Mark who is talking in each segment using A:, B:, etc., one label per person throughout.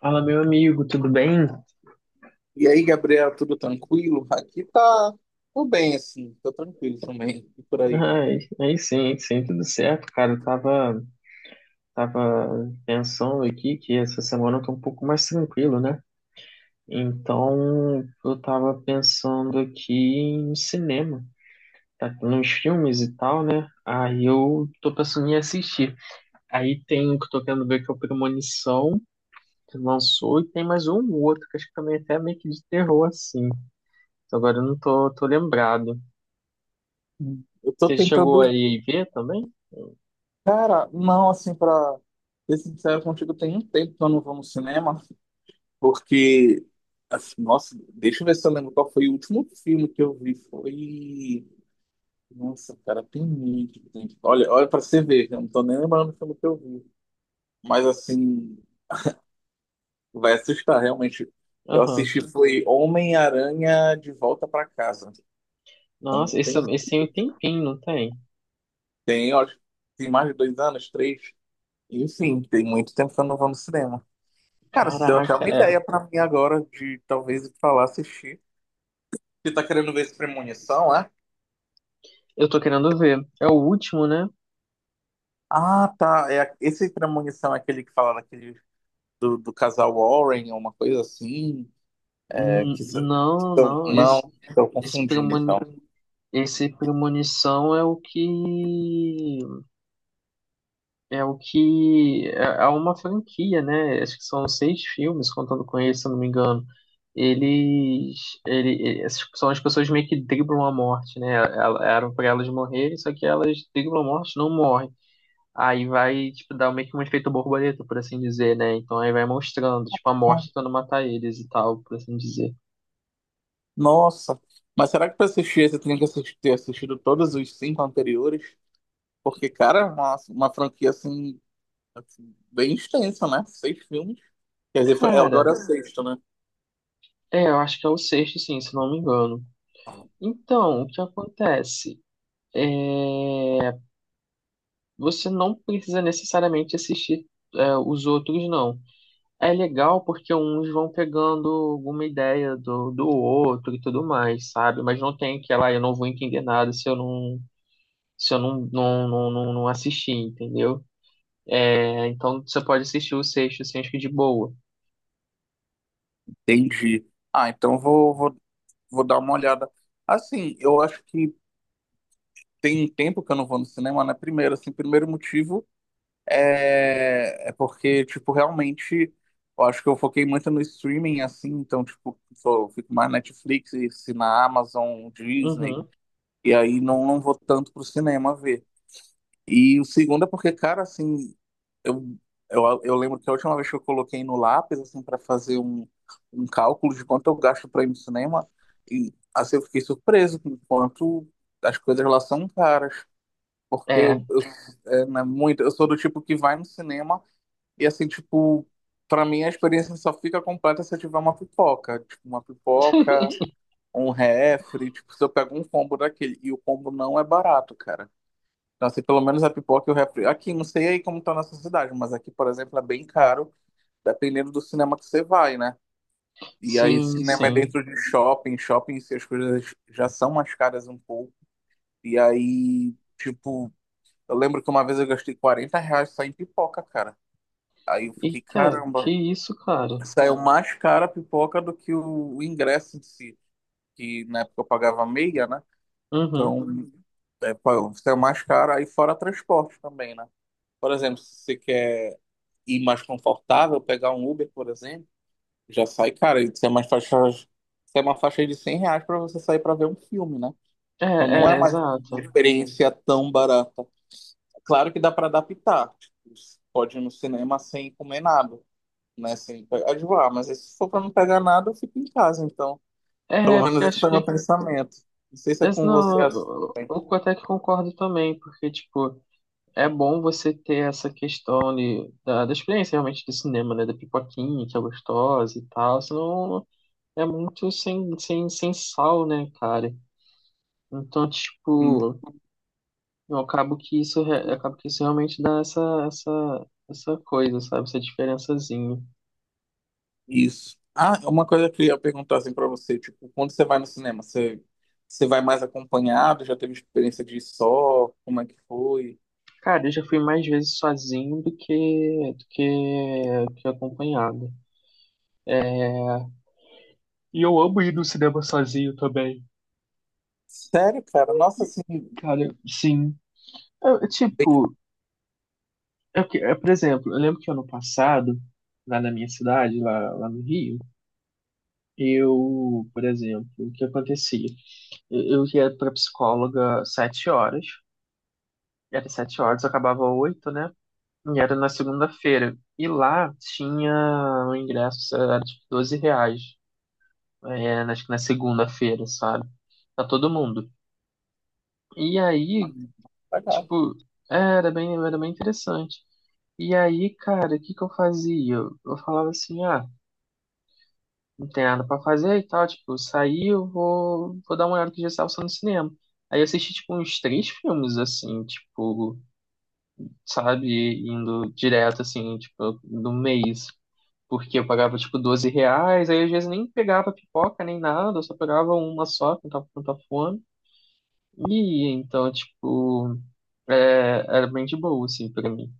A: Fala, meu amigo, tudo bem?
B: E aí, Gabriel, tudo tranquilo? Aqui tá tudo bem, assim, tô tranquilo também, e por aí.
A: Ai, aí sim, sim, tudo certo, cara. Eu tava pensando aqui que essa semana eu tô um pouco mais tranquilo, né? Então, eu tava pensando aqui em cinema, tá? Nos filmes e tal, né? Aí eu tô pensando em assistir. Aí tem um que eu tô querendo ver que é o Premonição, que lançou, e tem mais um outro, que acho que também é até meio que de terror, assim. Agora eu não tô lembrado.
B: Hum. Eu tô
A: Você chegou
B: tentando,
A: aí ver também?
B: cara, não, assim, pra ser sincero contigo, tem um tempo que eu não vou no cinema, porque, assim, nossa, deixa eu ver se eu lembro qual foi o último filme que eu vi, foi. Nossa, cara, tem muito tempo. Olha, olha pra você ver, eu não tô nem lembrando o filme que eu vi. Mas, assim, vai assustar, realmente. Eu
A: Aham.
B: assisti foi Homem-Aranha de Volta pra Casa. Então,
A: Nossa, esse,
B: tem,
A: esse tem um tempinho, não tem?
B: tem, eu acho, que tem mais de 2 anos, três. Enfim, tem muito tempo que eu não vou no cinema. Cara, você deu até
A: Caraca,
B: uma
A: é.
B: ideia pra mim agora de talvez ir pra lá assistir. Você tá querendo ver esse Premonição, é?
A: Eu tô querendo ver. É o último, né?
B: Ah, tá. É, esse Premonição é aquele que fala daquele do casal Warren, ou uma coisa assim. É, que,
A: Não, não.
B: não, estou
A: Esse,
B: confundindo então.
A: premoni, esse premonição é o que. É o que. É, é uma franquia, né? Acho que são seis filmes, contando com esse, se eu não me engano. Eles, essas são as pessoas meio que driblam a morte, né? Eram pra elas morrerem, só que elas driblam a morte, não morrem. Aí vai, tipo, dar meio que um efeito borboleta, por assim dizer, né? Então aí vai mostrando, tipo, a
B: Ah,
A: morte tentando matar eles e tal, por assim dizer.
B: nossa, mas será que pra assistir esse eu tenho que assistir, ter assistido todos os cinco anteriores? Porque, cara, é uma, uma franquia assim, bem extenso, né? Seis filmes. Quer dizer, é,
A: Cara,
B: agora é o sexto, né?
A: é, eu acho que é o sexto, sim, se não me engano. Então, o que acontece? Você não precisa necessariamente assistir, é, os outros, não. É legal porque uns vão pegando alguma ideia do outro e tudo mais, sabe? Mas não tem aquela, "Ah, eu não vou entender nada se eu não não assistir, entendeu? É, então você pode assistir o sexto, assim, acho que de boa.
B: Entendi. Ah, então vou dar uma olhada. Assim, eu acho que tem um tempo que eu não vou no cinema, né? Primeiro, assim, primeiro motivo é porque, tipo, realmente eu acho que eu foquei muito no streaming, assim, então, tipo, só fico mais Netflix, se na Amazon, Disney,
A: Uhum,
B: e aí não vou tanto pro cinema ver. E o segundo é porque, cara, assim, Eu, eu lembro que a última vez que eu coloquei no lápis, assim, para fazer um, um cálculo de quanto eu gasto para ir no cinema, e assim eu fiquei surpreso com o quanto as coisas lá são caras. Porque
A: é.
B: é, né, muito, eu sou do tipo que vai no cinema e, assim, tipo, para mim a experiência só fica completa se eu tiver uma pipoca. Tipo, uma pipoca, um refri, tipo, se eu pego um combo daquele. E o combo não é barato, cara. Então, assim, pelo menos a pipoca e o refri. Aqui, não sei aí como tá na sua cidade, mas aqui, por exemplo, é bem caro, dependendo do cinema que você vai, né? E aí,
A: Sim,
B: cinema é
A: sim.
B: dentro de shopping, shopping, se as coisas já são mais caras um pouco. E aí, tipo, eu lembro que uma vez eu gastei R$ 40 só em pipoca, cara. Aí eu fiquei,
A: Eita, que
B: caramba,
A: isso, cara?
B: saiu mais cara a pipoca do que o ingresso em si, que na época eu pagava meia, né?
A: Uhum.
B: Então, é, pô, saiu mais caro, aí fora transporte também, né? Por exemplo, se você quer e mais confortável, pegar um Uber, por exemplo, já sai, cara, isso é mais faixa, isso é uma faixa de R$ 100 para você sair para ver um filme, né?
A: É,
B: Então não é
A: é,
B: mais uma
A: exato.
B: experiência tão barata. Claro que dá para adaptar. Tipo, pode ir no cinema sem comer nada, né? Sem pegar de lá, mas se for para não pegar nada, eu fico em casa, então. Pelo
A: É, porque
B: menos esse
A: acho
B: foi
A: que.
B: meu pensamento. Não sei se é
A: Mas
B: com você
A: não, eu,
B: assim. Também.
A: eu eu até que concordo também, porque, tipo, é bom você ter essa questão da experiência realmente do cinema, né? Da pipoquinha, que é gostosa e tal, senão é muito sem sal, né, cara? Então, tipo. Eu acabo que isso, re- acabo que isso realmente dá essa coisa, sabe? Essa diferençazinha.
B: Isso. Ah, uma coisa que eu ia perguntar assim pra você, tipo, quando você vai no cinema, você, você vai mais acompanhado? Já teve experiência de ir só? Como é que foi?
A: Cara, eu já fui mais vezes sozinho do que acompanhado. E eu amo ir no cinema sozinho também.
B: Sério, cara? Nossa, assim,
A: Cara, sim. Eu,
B: bem
A: tipo, é, por exemplo, eu lembro que ano passado, lá na minha cidade, lá no Rio, eu, por exemplo, o que acontecia? Eu ia pra psicóloga 7h, era 7h, eu acabava 8h, né? E era na segunda-feira. E lá tinha o ingresso, era tipo 12 reais. É, acho que na segunda-feira, sabe? Pra todo mundo. E aí,
B: legal.
A: tipo, é, era bem interessante. E aí, cara, o que que eu fazia? Eu falava assim, ah, não tem nada pra fazer e tal. Tipo, eu saí, eu vou dar uma olhada que já estava só no cinema. Aí eu assisti, tipo, uns três filmes, assim, tipo, sabe? Indo direto, assim, tipo, no mês. Porque eu pagava tipo 12 reais, aí às vezes nem pegava pipoca nem nada, eu só pegava uma só, quando tava com tanta fome. E então, tipo, é, era bem de boa, assim, pra mim.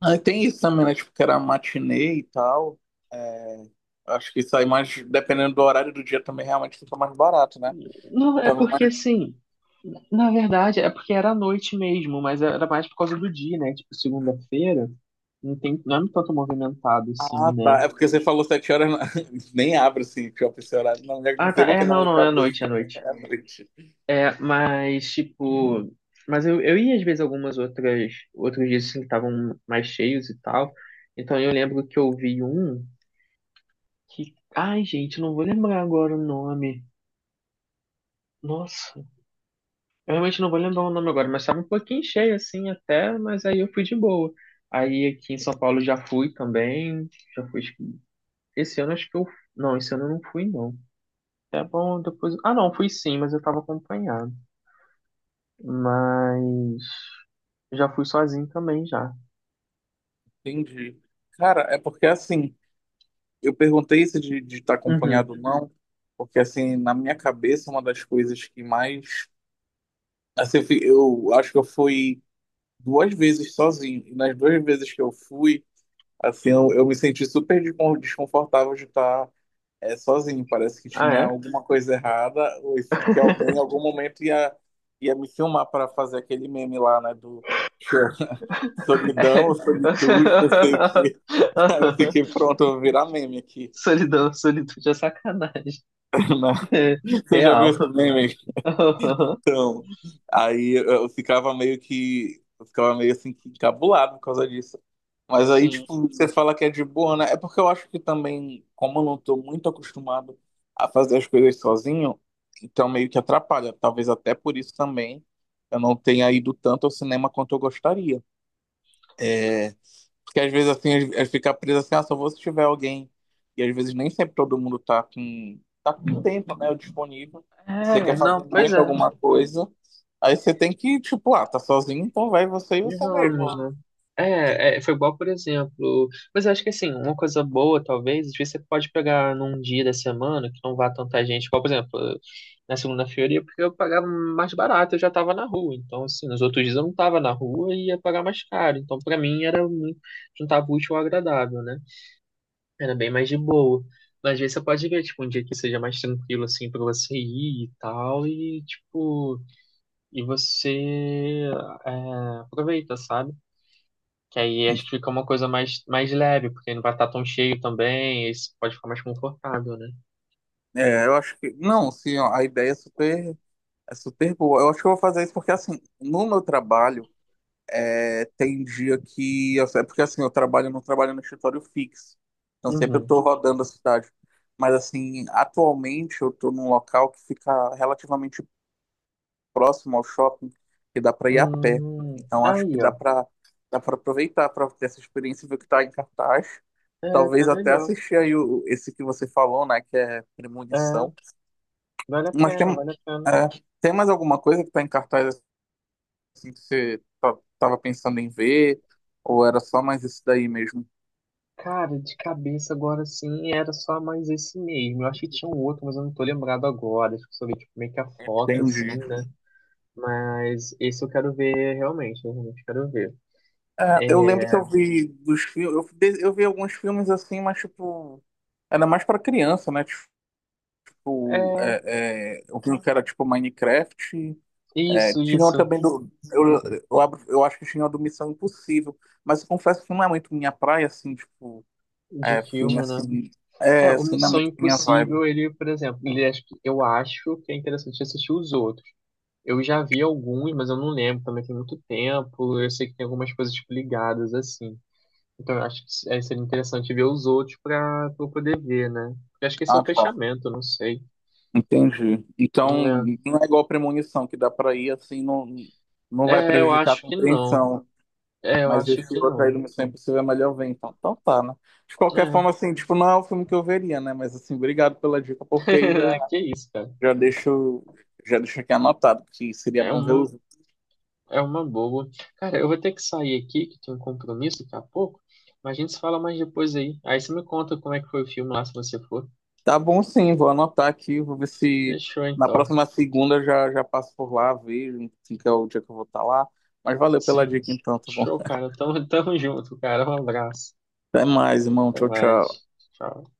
B: Ah, e tem isso também, né? Tipo, que era matinê e tal. É, acho que sai mais, dependendo do horário do dia também, realmente fica mais barato, né?
A: Não, é
B: Então,
A: porque, assim, na verdade, é porque era à noite mesmo, mas era mais por causa do dia, né? Tipo, segunda-feira, não é tanto movimentado, assim,
B: ah,
A: né?
B: tá. É porque você falou 7 horas, nem abre assim, shopping esse horário. Não, não
A: Ah, tá,
B: sei por
A: é,
B: que na
A: não,
B: minha
A: não, é à
B: cabeça
A: noite, é à noite.
B: é à noite.
A: É, mas, tipo. Mas eu ia às vezes algumas outras. Outros dias assim, que estavam mais cheios e tal. Então eu lembro que eu vi um que. Ai, gente, não vou lembrar agora o nome. Nossa, eu realmente não vou lembrar o nome agora, mas estava um pouquinho cheio assim até, mas aí eu fui de boa. Aí aqui em São Paulo já fui também. Já fui. Esse ano acho que eu. Não, esse ano eu não fui, não. É bom, depois. Ah, não, fui sim, mas eu tava acompanhado. Mas. Já fui sozinho também já.
B: Entendi. Cara, é porque assim, eu perguntei isso de estar acompanhado
A: Uhum.
B: ou não, porque assim, na minha cabeça, uma das coisas que mais. Assim, eu acho que eu fui duas vezes sozinho, e nas duas vezes que eu fui, assim, eu me senti super desconfortável de estar é, sozinho. Parece que
A: Ah,
B: tinha
A: é?
B: alguma coisa errada, ou assim, que alguém em algum momento ia, ia me filmar para fazer aquele meme lá, né, do. Solidão, ou solitude, não sei o quê. Aí eu fiquei pronto, eu vou virar meme aqui.
A: Solidão, solitude é sacanagem.
B: Na. Você já viu
A: Real.
B: esse meme? Então, aí eu ficava meio que. Eu ficava meio assim que encabulado por causa disso. Mas aí,
A: Sim.
B: tipo, você fala que é de boa, né? É porque eu acho que também, como eu não tô muito acostumado a fazer as coisas sozinho, então meio que atrapalha. Talvez até por isso também eu não tenha ido tanto ao cinema quanto eu gostaria. Porque às vezes assim, é ficar preso assim, ah, só vou se tiver alguém. E às vezes nem sempre todo mundo tá com tempo, né? Disponível. E você
A: É,
B: quer
A: não,
B: fazer
A: pois
B: muito
A: é.
B: alguma coisa. Aí você tem que, tipo, ah, tá sozinho, então vai você e
A: E
B: você mesmo.
A: vamos, né? É, é, foi igual, por exemplo. Mas eu acho que assim, uma coisa boa, talvez, às vezes você pode pegar num dia da semana que não vá tanta gente. Igual, por exemplo, na segunda-feira, ia porque eu pagava mais barato, eu já tava na rua. Então, assim, nos outros dias eu não tava na rua e ia pagar mais caro. Então, pra mim, era muito juntar útil ao agradável, né? Era bem mais de boa. Mas às vezes você pode ver, tipo, um dia que seja mais tranquilo, assim, pra você ir e tal, e, tipo, e você é, aproveita, sabe? Que aí acho que fica uma coisa mais leve, porque não vai estar tão cheio também, e você pode ficar mais confortável, né?
B: É, eu acho que. Não, sim, ó, a ideia é super boa. Eu acho que eu vou fazer isso porque, assim, no meu trabalho. É, tem dia que. É porque assim, eu trabalho, eu não trabalho no escritório fixo. Então sempre eu
A: Uhum.
B: tô rodando a cidade. Mas assim, atualmente eu tô num local que fica relativamente próximo ao shopping, que dá para ir a pé. Então acho que
A: Aí, ó.
B: dá para aproveitar para ter essa experiência e ver o que tá em cartaz.
A: É, tá
B: Talvez até
A: melhor.
B: assistir aí esse que você falou, né? Que é
A: É,
B: Premonição.
A: vale a
B: Mas
A: pena, vale a pena.
B: é, tem mais alguma coisa que tá em cartaz assim, que você tava pensando em ver? Ou era só mais esse daí mesmo?
A: Cara, de cabeça agora sim, era só mais esse mesmo. Eu acho que tinha um outro, mas eu não tô lembrado agora. Acho que só vi, tipo, meio que a foto,
B: Entendi.
A: assim, né? Mas esse eu quero ver realmente, eu realmente quero ver.
B: É, eu lembro que
A: É,
B: eu vi dos filmes, eu vi alguns filmes assim, mas tipo, era mais pra criança, né? Tipo,
A: é
B: eu vi um que era tipo Minecraft. É,
A: isso,
B: tinha um
A: isso,
B: também do. Eu, eu acho que tinha um do Missão Impossível. Mas eu confesso que não é muito minha praia, assim, tipo,
A: de
B: é, filme
A: filme, né?
B: assim.
A: É,
B: É,
A: o
B: assim, não é
A: Missão
B: muito minha vibe.
A: Impossível, ele, por exemplo, eu acho que é interessante assistir os outros. Eu já vi alguns, mas eu não lembro, também tem muito tempo. Eu sei que tem algumas coisas tipo, ligadas assim. Então eu acho que é, seria interessante ver os outros para eu poder ver, né? Eu acho que esse é
B: Ah,
A: o
B: tá.
A: fechamento, eu não sei.
B: Entendi. Então, não é igual Premonição, que dá para ir assim, não, não vai
A: É, é, eu
B: prejudicar a
A: acho que não.
B: compreensão.
A: É, eu
B: Mas
A: acho
B: esse
A: que
B: outro aí do
A: não.
B: Missão Impossível é melhor ver, então. Então tá, né? De qualquer
A: É.
B: forma, assim, tipo, não é o filme que eu veria, né? Mas assim, obrigado pela dica, porque aí
A: Que isso, cara.
B: já deixo, já deixo aqui anotado, que seria
A: É
B: bom ver
A: uma,
B: os.
A: é uma boa. Cara, eu vou ter que sair aqui, que tem um compromisso daqui a pouco, mas a gente se fala mais depois aí. Aí você me conta como é que foi o filme lá, se você for.
B: Tá bom sim, vou anotar aqui, vou ver se
A: Fechou,
B: na
A: então.
B: próxima segunda eu já passo por lá, vejo, enfim, que é o dia que eu vou estar lá. Mas valeu pela
A: Sim.
B: dica então, tá bom?
A: Show, cara. Tamo, tamo junto, cara. Um abraço.
B: Até mais, irmão.
A: Até
B: Tchau, tchau.
A: mais. Tchau.